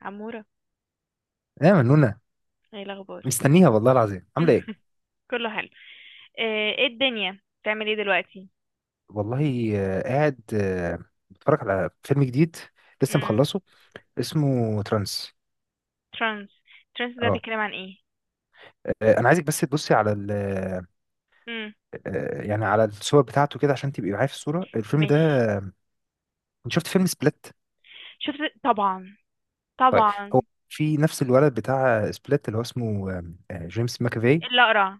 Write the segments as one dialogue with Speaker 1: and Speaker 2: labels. Speaker 1: عمورة،
Speaker 2: ايه يا منونة،
Speaker 1: ايه الاخبار؟
Speaker 2: مستنيها والله العظيم، عاملة ايه؟
Speaker 1: كله حلو. ايه الدنيا بتعمل ايه دلوقتي؟
Speaker 2: والله، قاعد بتفرج على فيلم جديد، لسه
Speaker 1: امم.
Speaker 2: مخلصه. اسمه ترانس.
Speaker 1: ترانس. ترانس ده
Speaker 2: اه.
Speaker 1: بيتكلم عن ايه؟
Speaker 2: انا عايزك بس تبصي على ال آه،
Speaker 1: امم.
Speaker 2: آه، يعني على الصور بتاعته كده، عشان تبقي معايا في الصورة الفيلم ده.
Speaker 1: ماشي.
Speaker 2: انت شفت فيلم سبليت؟
Speaker 1: شفت طبعا.
Speaker 2: طيب، هو
Speaker 1: طبعا.
Speaker 2: في نفس الولد بتاع سبليت اللي هو اسمه جيمس ماكافي.
Speaker 1: إيه؟ اللي اقرع؟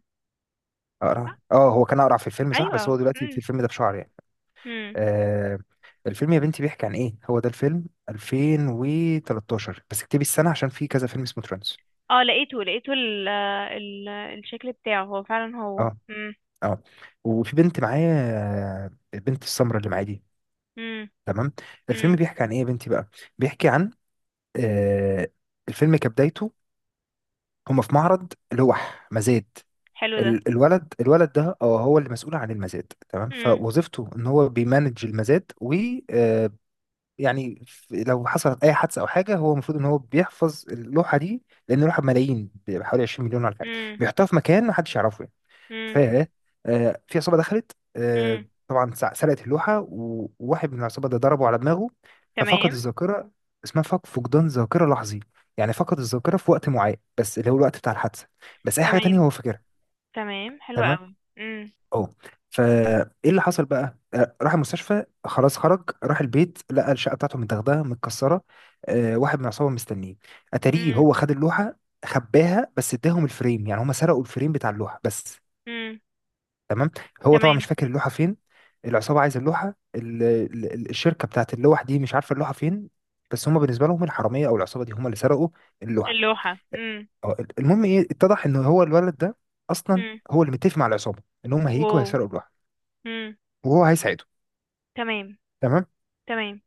Speaker 1: صح؟
Speaker 2: اقرع؟ اه، هو كان اقرع في الفيلم صح،
Speaker 1: ايوه.
Speaker 2: بس هو دلوقتي في
Speaker 1: امم.
Speaker 2: الفيلم ده بشعر يعني.
Speaker 1: امم.
Speaker 2: آه الفيلم يا بنتي بيحكي عن ايه؟ هو ده الفيلم 2013، بس اكتبي السنة عشان في كذا فيلم اسمه ترانس.
Speaker 1: اه، لقيته. ال ال الشكل بتاعه هو فعلا هو.
Speaker 2: اه،
Speaker 1: امم.
Speaker 2: اه، وفي بنت معايا. البنت السمراء اللي معايا دي.
Speaker 1: امم.
Speaker 2: تمام. الفيلم
Speaker 1: امم.
Speaker 2: بيحكي عن ايه يا بنتي بقى؟ بيحكي عن آه الفيلم كبدايته، هما في معرض لوح مزاد.
Speaker 1: حلو ده.
Speaker 2: الولد ده، اه، هو اللي مسؤول عن المزاد، تمام.
Speaker 1: امم.
Speaker 2: فوظيفته ان هو بيمانج المزاد. يعني لو حصلت اي حادثه او حاجه، هو المفروض ان هو بيحفظ اللوحه دي. لان اللوحه بملايين، بحوالي 20 مليون ولا حاجه،
Speaker 1: امم.
Speaker 2: بيحطها في مكان ما حدش يعرفه يعني. ف
Speaker 1: امم.
Speaker 2: في عصابه دخلت،
Speaker 1: امم.
Speaker 2: طبعا سرقت اللوحه، و- وواحد من العصابه ده ضربه على دماغه. ففقد
Speaker 1: تمام.
Speaker 2: الذاكره، اسمها فقدان ذاكره لحظي. يعني فقد الذاكره في وقت معين، بس اللي هو الوقت بتاع الحادثه، بس اي حاجه
Speaker 1: تمام.
Speaker 2: تانية هو فاكرها.
Speaker 1: تمام حلو
Speaker 2: تمام.
Speaker 1: قوي. امم.
Speaker 2: اه، فايه اللي حصل بقى؟ راح المستشفى، خلاص خرج راح البيت، لقى الشقه بتاعته متاخده متكسره. واحد من العصابه مستنيه، اتاريه
Speaker 1: امم.
Speaker 2: هو خد اللوحه. خباها، بس اداهم الفريم، يعني هم سرقوا الفريم بتاع اللوحه بس.
Speaker 1: امم.
Speaker 2: تمام. هو طبعا مش
Speaker 1: تمام.
Speaker 2: فاكر اللوحه فين. العصابه عايزه اللوحه، الشركه بتاعت اللوح دي مش عارفه اللوحه فين. بس هم، بالنسبه لهم، الحراميه او العصابه دي هم اللي سرقوا اللوحه.
Speaker 1: اللوحة. امم.
Speaker 2: اه، المهم ايه؟ اتضح ان هو الولد ده، اصلا هو اللي متفق مع العصابه ان هم هيجوا
Speaker 1: واو.
Speaker 2: هيسرقوا اللوحه،
Speaker 1: مم.
Speaker 2: وهو هيساعدهم.
Speaker 1: تمام.
Speaker 2: تمام.
Speaker 1: تمام.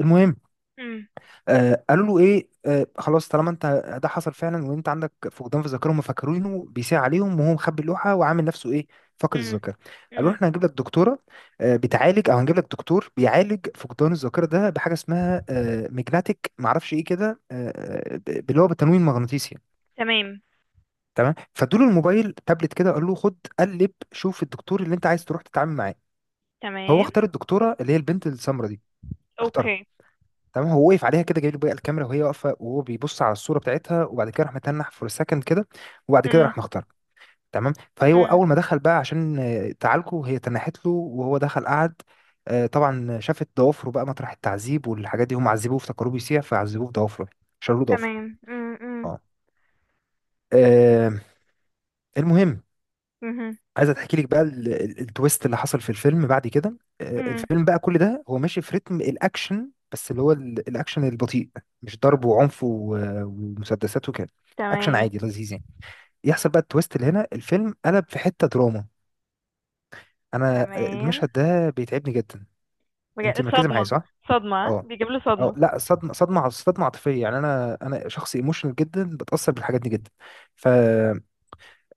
Speaker 2: المهم،
Speaker 1: مم.
Speaker 2: قالوا له ايه؟ خلاص طالما انت ده حصل فعلا وانت عندك فقدان في الذاكره، هم فاكرينه بيساء عليهم، وهو مخبي اللوحه وعامل نفسه ايه؟ فاقد
Speaker 1: مم.
Speaker 2: الذاكره. قالوا له
Speaker 1: مم.
Speaker 2: احنا هنجيب لك دكتوره بتعالج، او هنجيب لك دكتور بيعالج فقدان الذاكره ده بحاجه اسمها ميجناتيك، معرفش ايه كده اللي هو بالتنويم المغناطيسي يعني.
Speaker 1: تمام.
Speaker 2: تمام، فادوله الموبايل تابلت كده، قال له خد قلب شوف الدكتور اللي انت عايز تروح تتعامل معاه. هو
Speaker 1: تمام.
Speaker 2: اختار الدكتوره اللي هي البنت السمراء دي، اختارها.
Speaker 1: اوكي.
Speaker 2: تمام. هو وقف عليها كده جايب له بقى الكاميرا وهي واقفه، وهو بيبص على الصوره بتاعتها، وبعد كده راح متنح فور سكند كده. وبعد كده
Speaker 1: مم.
Speaker 2: راح مختار. تمام. فهو
Speaker 1: مم.
Speaker 2: اول ما دخل بقى عشان تعالجه، هي تنحت له وهو دخل قعد. طبعا شافت ضوافره بقى مطرح التعذيب والحاجات دي، هم عذبوه افتكروه بيسيح فعذبوه بضوافره. شالوا له ضوافره.
Speaker 1: تمام. مم. مم.
Speaker 2: اه. آه، المهم،
Speaker 1: مهم.
Speaker 2: عايز احكي لك بقى التويست اللي حصل في الفيلم بعد كده.
Speaker 1: مم.
Speaker 2: الفيلم بقى كل ده هو ماشي في رتم الاكشن، بس اللي هو الاكشن البطيء، مش ضرب وعنف و- ومسدسات وكده. اكشن
Speaker 1: تمام.
Speaker 2: عادي لذيذ يعني. يحصل بقى التويست، اللي هنا الفيلم قلب في حتة دراما. انا،
Speaker 1: تمام
Speaker 2: المشهد ده بيتعبني جدا. انت
Speaker 1: بجد،
Speaker 2: مركزة معايا
Speaker 1: صدمة.
Speaker 2: صح؟
Speaker 1: صدمة؟ ها؟
Speaker 2: اه،
Speaker 1: بيجيب له
Speaker 2: اه،
Speaker 1: صدمة؟
Speaker 2: لا، صدمة، صدمة، صدمة عاطفية يعني. انا شخص ايموشنال جدا، بتأثر بالحاجات دي جدا. ف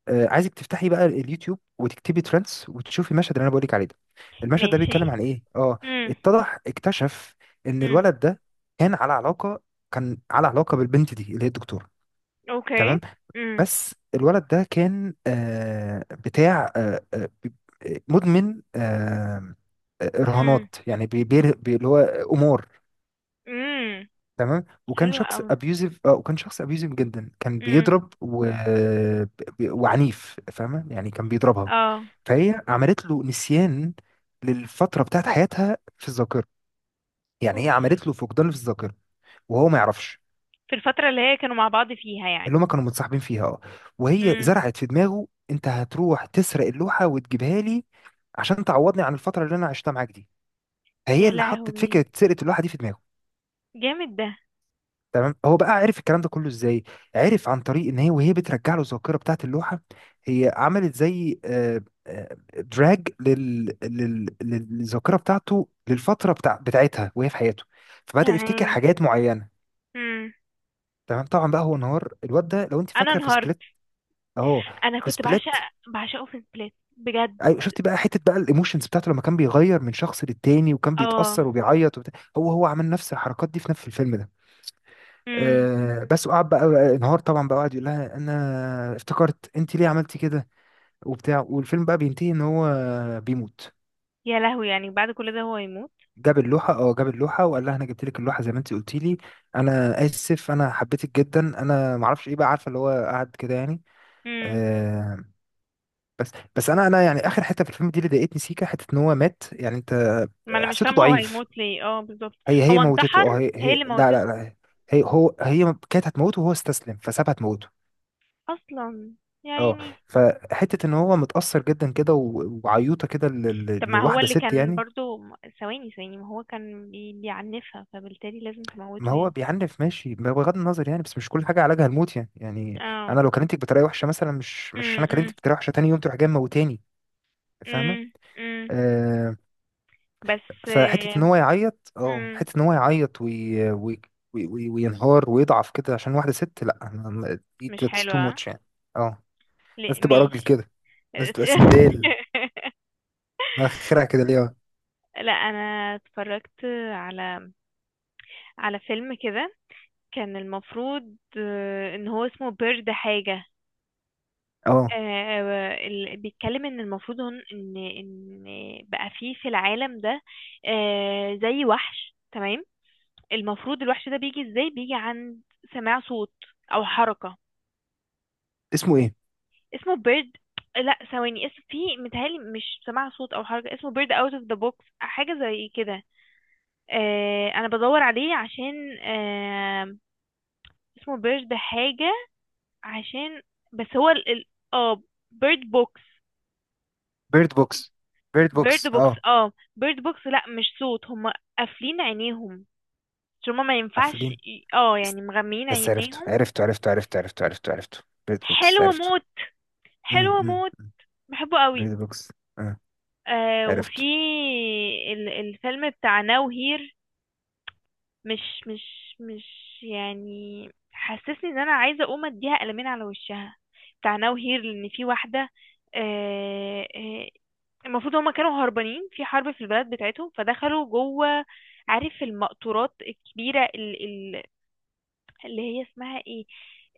Speaker 2: عايزك تفتحي بقى اليوتيوب، وتكتبي ترندز، وتشوفي المشهد اللي انا بقولك عليه ده. المشهد ده
Speaker 1: ماشي.
Speaker 2: بيتكلم عن ايه؟ اه.
Speaker 1: مم.
Speaker 2: اتضح، اكتشف، ان
Speaker 1: مم.
Speaker 2: الولد ده كان على علاقة كان على علاقة بالبنت دي اللي هي الدكتورة.
Speaker 1: اوكي.
Speaker 2: تمام.
Speaker 1: مم.
Speaker 2: بس الولد ده كان بتاع مدمن
Speaker 1: مم.
Speaker 2: رهانات، يعني اللي هو قمار.
Speaker 1: مم.
Speaker 2: تمام،
Speaker 1: حلوة قوي.
Speaker 2: وكان شخص ابيوزيف جدا، كان
Speaker 1: مم.
Speaker 2: بيضرب و... وعنيف، فاهمه، يعني كان بيضربها.
Speaker 1: اه.
Speaker 2: فهي عملت له نسيان للفتره بتاعت حياتها في الذاكره، يعني هي
Speaker 1: اوف.
Speaker 2: عملت له فقدان في الذاكره، وهو ما يعرفش.
Speaker 1: في الفترة اللي هي كانوا مع بعض فيها
Speaker 2: اللي
Speaker 1: يعني.
Speaker 2: هما كانوا متصاحبين فيها، اه. وهي
Speaker 1: مم.
Speaker 2: زرعت في دماغه، انت هتروح تسرق اللوحه وتجيبها لي، عشان تعوضني عن الفتره اللي انا عشتها معاك دي. فهي
Speaker 1: يا
Speaker 2: اللي حطت
Speaker 1: لهوي،
Speaker 2: فكره سرقه اللوحه دي في دماغه.
Speaker 1: جامد ده.
Speaker 2: تمام. هو بقى عرف الكلام ده كله ازاي؟ عرف عن طريق ان هي، وهي بترجع له الذاكره بتاعه اللوحه، هي عملت زي دراج للذاكره بتاعته، للفتره بتاعتها وهي في حياته. فبدا يفتكر
Speaker 1: تمام.
Speaker 2: حاجات معينه.
Speaker 1: مم.
Speaker 2: تمام، طبعا بقى هو انهار الواد ده، لو انت
Speaker 1: انا
Speaker 2: فاكره في
Speaker 1: انهارت.
Speaker 2: سبليت، اهو
Speaker 1: انا
Speaker 2: في
Speaker 1: كنت بعشق،
Speaker 2: سبليت.
Speaker 1: بعشقه في سبليت بجد.
Speaker 2: ايوه، شفتي بقى حته بقى الايموشنز بتاعته لما كان بيغير من شخص للتاني، وكان
Speaker 1: اه.
Speaker 2: بيتاثر وبيعيط وبتاع. هو عمل نفس الحركات دي في نفس الفيلم ده.
Speaker 1: امم.
Speaker 2: بس وقعد بقى، انهار طبعا بقى، وقعد يقول لها، انا افتكرت، انت ليه عملتي كده؟ وبتاع. والفيلم بقى بينتهي ان هو بيموت.
Speaker 1: يا لهوي، يعني بعد كل ده هو يموت؟
Speaker 2: جاب اللوحه، وقال لها، انا جبت لك اللوحه زي ما انت قلتي لي، انا اسف، انا حبيتك جدا، انا ما اعرفش ايه بقى، عارفه اللي هو قعد كده يعني.
Speaker 1: امم.
Speaker 2: آه بس، بس، انا يعني اخر حته في الفيلم دي اللي ضايقتني سيكا حته ان هو مات يعني، انت
Speaker 1: ما انا مش
Speaker 2: حسيته
Speaker 1: فاهمه، هو
Speaker 2: ضعيف.
Speaker 1: هيموت ليه اه بالظبط؟
Speaker 2: هي
Speaker 1: هو
Speaker 2: موتته،
Speaker 1: انتحر؟
Speaker 2: اه. هي
Speaker 1: هي
Speaker 2: هي
Speaker 1: اللي
Speaker 2: لا، لا،
Speaker 1: موتته؟
Speaker 2: لا. هي كانت هتموته، وهو استسلم فسابها تموته.
Speaker 1: اصلا. يا
Speaker 2: اه،
Speaker 1: عيني.
Speaker 2: فحته ان هو متاثر جدا كده، و- وعيوطه كده
Speaker 1: طب ما هو
Speaker 2: لواحده
Speaker 1: اللي
Speaker 2: ست
Speaker 1: كان
Speaker 2: يعني.
Speaker 1: برضو. ثواني ثواني، ما هو كان بيعنفها، فبالتالي لازم
Speaker 2: ما
Speaker 1: تموته
Speaker 2: هو
Speaker 1: يعني؟
Speaker 2: بيعنف ماشي، ما بغض النظر يعني، بس مش كل حاجه علاجها الموت يعني.
Speaker 1: اه.
Speaker 2: انا لو كلمتك بطريقه وحشه مثلا، مش
Speaker 1: امم.
Speaker 2: انا
Speaker 1: امم.
Speaker 2: كلمتك بطريقه وحشه، تاني يوم تروح جاي موتاني؟ فاهمه؟
Speaker 1: امم. امم.
Speaker 2: آه
Speaker 1: بس.
Speaker 2: فحته ان هو يعيط، اه،
Speaker 1: امم.
Speaker 2: حته ان هو يعيط وي، وي، وينهار ويضعف كده عشان واحده ست، لا، دي
Speaker 1: مش
Speaker 2: that's too
Speaker 1: حلوة.
Speaker 2: much يعني. اه، لازم
Speaker 1: ليه؟
Speaker 2: تبقى راجل
Speaker 1: ماشي.
Speaker 2: كده، لازم تبقى سندال. اخرها كده ليه؟
Speaker 1: لا، انا اتفرجت على على فيلم كده. كان المفروض ان هو اسمه بيرد حاجة.
Speaker 2: اه،
Speaker 1: آه، بيتكلم ان المفروض، ان بقى فيه في العالم ده زي وحش، تمام. المفروض الوحش ده بيجي ازاي؟ بيجي عند سماع صوت او حركة.
Speaker 2: اسمه ايه؟
Speaker 1: اسمه بيرد. لا، ثواني، اسم في متهيألي، مش سماع صوت او حركة. اسمه بيرد اوت اوف ذا بوكس حاجة زي كده. انا بدور عليه عشان اسمه بيرد حاجة، عشان. بس هو اه بيرد بوكس.
Speaker 2: بيرد بوكس. بيرد
Speaker 1: بيرد
Speaker 2: بوكس،
Speaker 1: بوكس.
Speaker 2: اه،
Speaker 1: اه بيرد بوكس. لا، مش صوت، هما قافلين عينيهم، عشان هما ما ينفعش
Speaker 2: قافلين. است-
Speaker 1: يعني مغميين
Speaker 2: بس عرفته،
Speaker 1: عينيهم.
Speaker 2: عرفته، عرفته، عرفته، عرفته، عرفته، عرفته. بيرد بوكس
Speaker 1: حلوة
Speaker 2: عرفته.
Speaker 1: موت. حلوة
Speaker 2: امم.
Speaker 1: موت. بحبه
Speaker 2: بيرد
Speaker 1: قوي.
Speaker 2: بوكس، اه،
Speaker 1: وفي
Speaker 2: عرفته.
Speaker 1: ال الفيلم بتاع ناو هير. مش مش يعني، حسسني ان انا عايزة اقوم اديها قلمين على وشها، بتاع ناو هير، لان في واحدة. آه آه، المفروض هما كانوا هربانين في حرب في البلد بتاعتهم، فدخلوا جوه. عارف المقطورات الكبيرة، اللي هي اسمها ايه،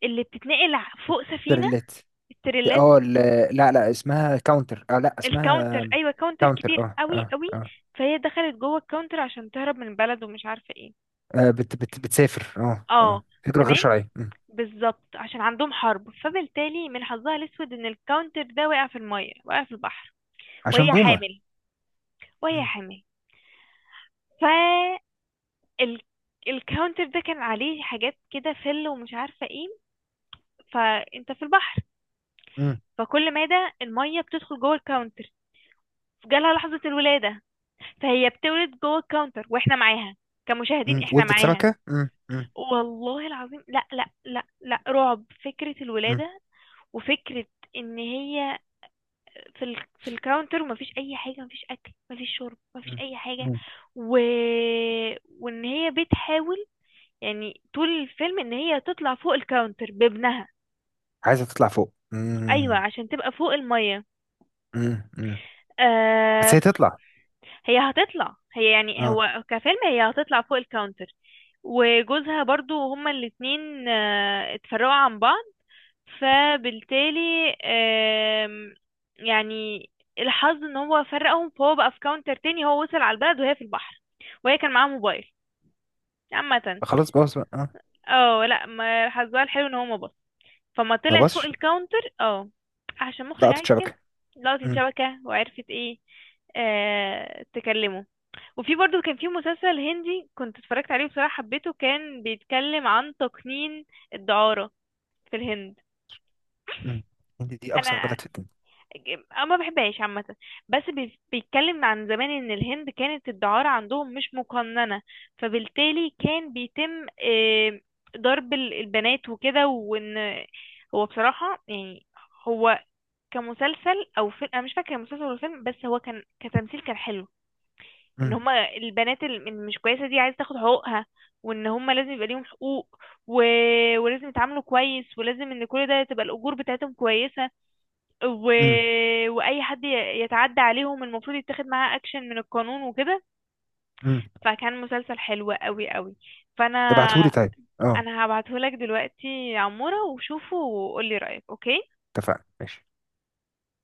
Speaker 1: اللي بتتنقل فوق سفينة.
Speaker 2: تريلات.
Speaker 1: التريلات.
Speaker 2: اه. لا، لا، اسمها كاونتر. اه، لا، اسمها
Speaker 1: الكاونتر، ايوه، كاونتر
Speaker 2: كاونتر.
Speaker 1: كبير
Speaker 2: اه،
Speaker 1: قوي
Speaker 2: اه،
Speaker 1: قوي.
Speaker 2: اه.
Speaker 1: فهي دخلت جوه الكاونتر عشان تهرب من البلد، ومش عارفة ايه.
Speaker 2: بت بت بتسافر. اه،
Speaker 1: اه.
Speaker 2: اه، هجرة غير
Speaker 1: تمام،
Speaker 2: شرعية. مم.
Speaker 1: بالظبط. عشان عندهم حرب، فبالتالي من حظها الاسود ان الكاونتر ده وقع في المية، وقع في البحر.
Speaker 2: عشان
Speaker 1: وهي
Speaker 2: بومة.
Speaker 1: حامل. وهي
Speaker 2: مم.
Speaker 1: حامل. ال... الكاونتر ده كان عليه حاجات كده فل، ومش عارفة ايه. فانت في البحر،
Speaker 2: مم.
Speaker 1: فكل مادة المية بتدخل جوه الكاونتر. جالها لحظة الولادة، فهي بتولد جوه الكاونتر، واحنا معاها، كمشاهدين
Speaker 2: مم.
Speaker 1: احنا
Speaker 2: ولدت
Speaker 1: معاها.
Speaker 2: سمكة. مم. مم.
Speaker 1: والله العظيم، لا لا لا لا، رعب فكرة
Speaker 2: مم.
Speaker 1: الولادة. وفكرة ان هي في الكاونتر، ومفيش اي حاجة، مفيش اكل، مفيش شرب، مفيش
Speaker 2: مم.
Speaker 1: اي حاجة.
Speaker 2: مم.
Speaker 1: و... وان هي بتحاول يعني طول الفيلم ان هي تطلع فوق الكاونتر بابنها.
Speaker 2: عايزة تطلع فوق.
Speaker 1: ايوه،
Speaker 2: مم.
Speaker 1: عشان تبقى فوق الميه.
Speaker 2: مم. مم. بس
Speaker 1: آه
Speaker 2: هي تطلع.
Speaker 1: هي هتطلع، هي يعني،
Speaker 2: اه،
Speaker 1: هو كفيلم، هي هتطلع فوق الكاونتر. وجوزها برضو، هما الاتنين اتفرقوا عن بعض. فبالتالي آم، يعني الحظ ان هو فرقهم، فهو بقى في كاونتر تاني، هو وصل على البلد وهي في البحر. وهي كان معاها موبايل عامة.
Speaker 2: خلاص بوظ بقى آه.
Speaker 1: اه لا، ما حظها الحلو ان هو ما. فما
Speaker 2: ما
Speaker 1: طلع فوق
Speaker 2: بصش.
Speaker 1: الكاونتر اه، عشان مخرج
Speaker 2: لقطة
Speaker 1: عايز كده.
Speaker 2: شبكة.
Speaker 1: لقطت
Speaker 2: مم.
Speaker 1: الشبكة وعرفت ايه. تكلمه. وفي برضو، كان في مسلسل هندي كنت اتفرجت عليه بصراحة، حبيته. كان بيتكلم عن تقنين الدعارة في الهند.
Speaker 2: مم. إن دي أوسخ
Speaker 1: انا
Speaker 2: بلد في الدنيا.
Speaker 1: أنا ما بحبهاش عامة. بس بيتكلم عن زمان ان الهند كانت الدعارة عندهم مش مقننة، فبالتالي كان بيتم ضرب البنات وكده، وان هو بصراحة يعني. هو كمسلسل او فيلم انا مش فاكره مسلسل ولا فيلم، بس هو كان كتمثيل كان حلو. ان
Speaker 2: مم.
Speaker 1: هما البنات اللي مش كويسه دي عايزه تاخد حقوقها، وان هما لازم يبقى ليهم حقوق. و... ولازم يتعاملوا كويس، ولازم ان كل ده تبقى الاجور بتاعتهم كويسه. و...
Speaker 2: مم.
Speaker 1: واي حد يتعدى عليهم المفروض يتاخد معاه اكشن من القانون وكده.
Speaker 2: مم.
Speaker 1: فكان مسلسل حلو قوي قوي. فانا
Speaker 2: ابعتهولي طيب. اه،
Speaker 1: انا هبعتهولك دلوقتي يا عموره، وشوفه وقولي رايك، اوكي.
Speaker 2: اتفقنا. ماشي.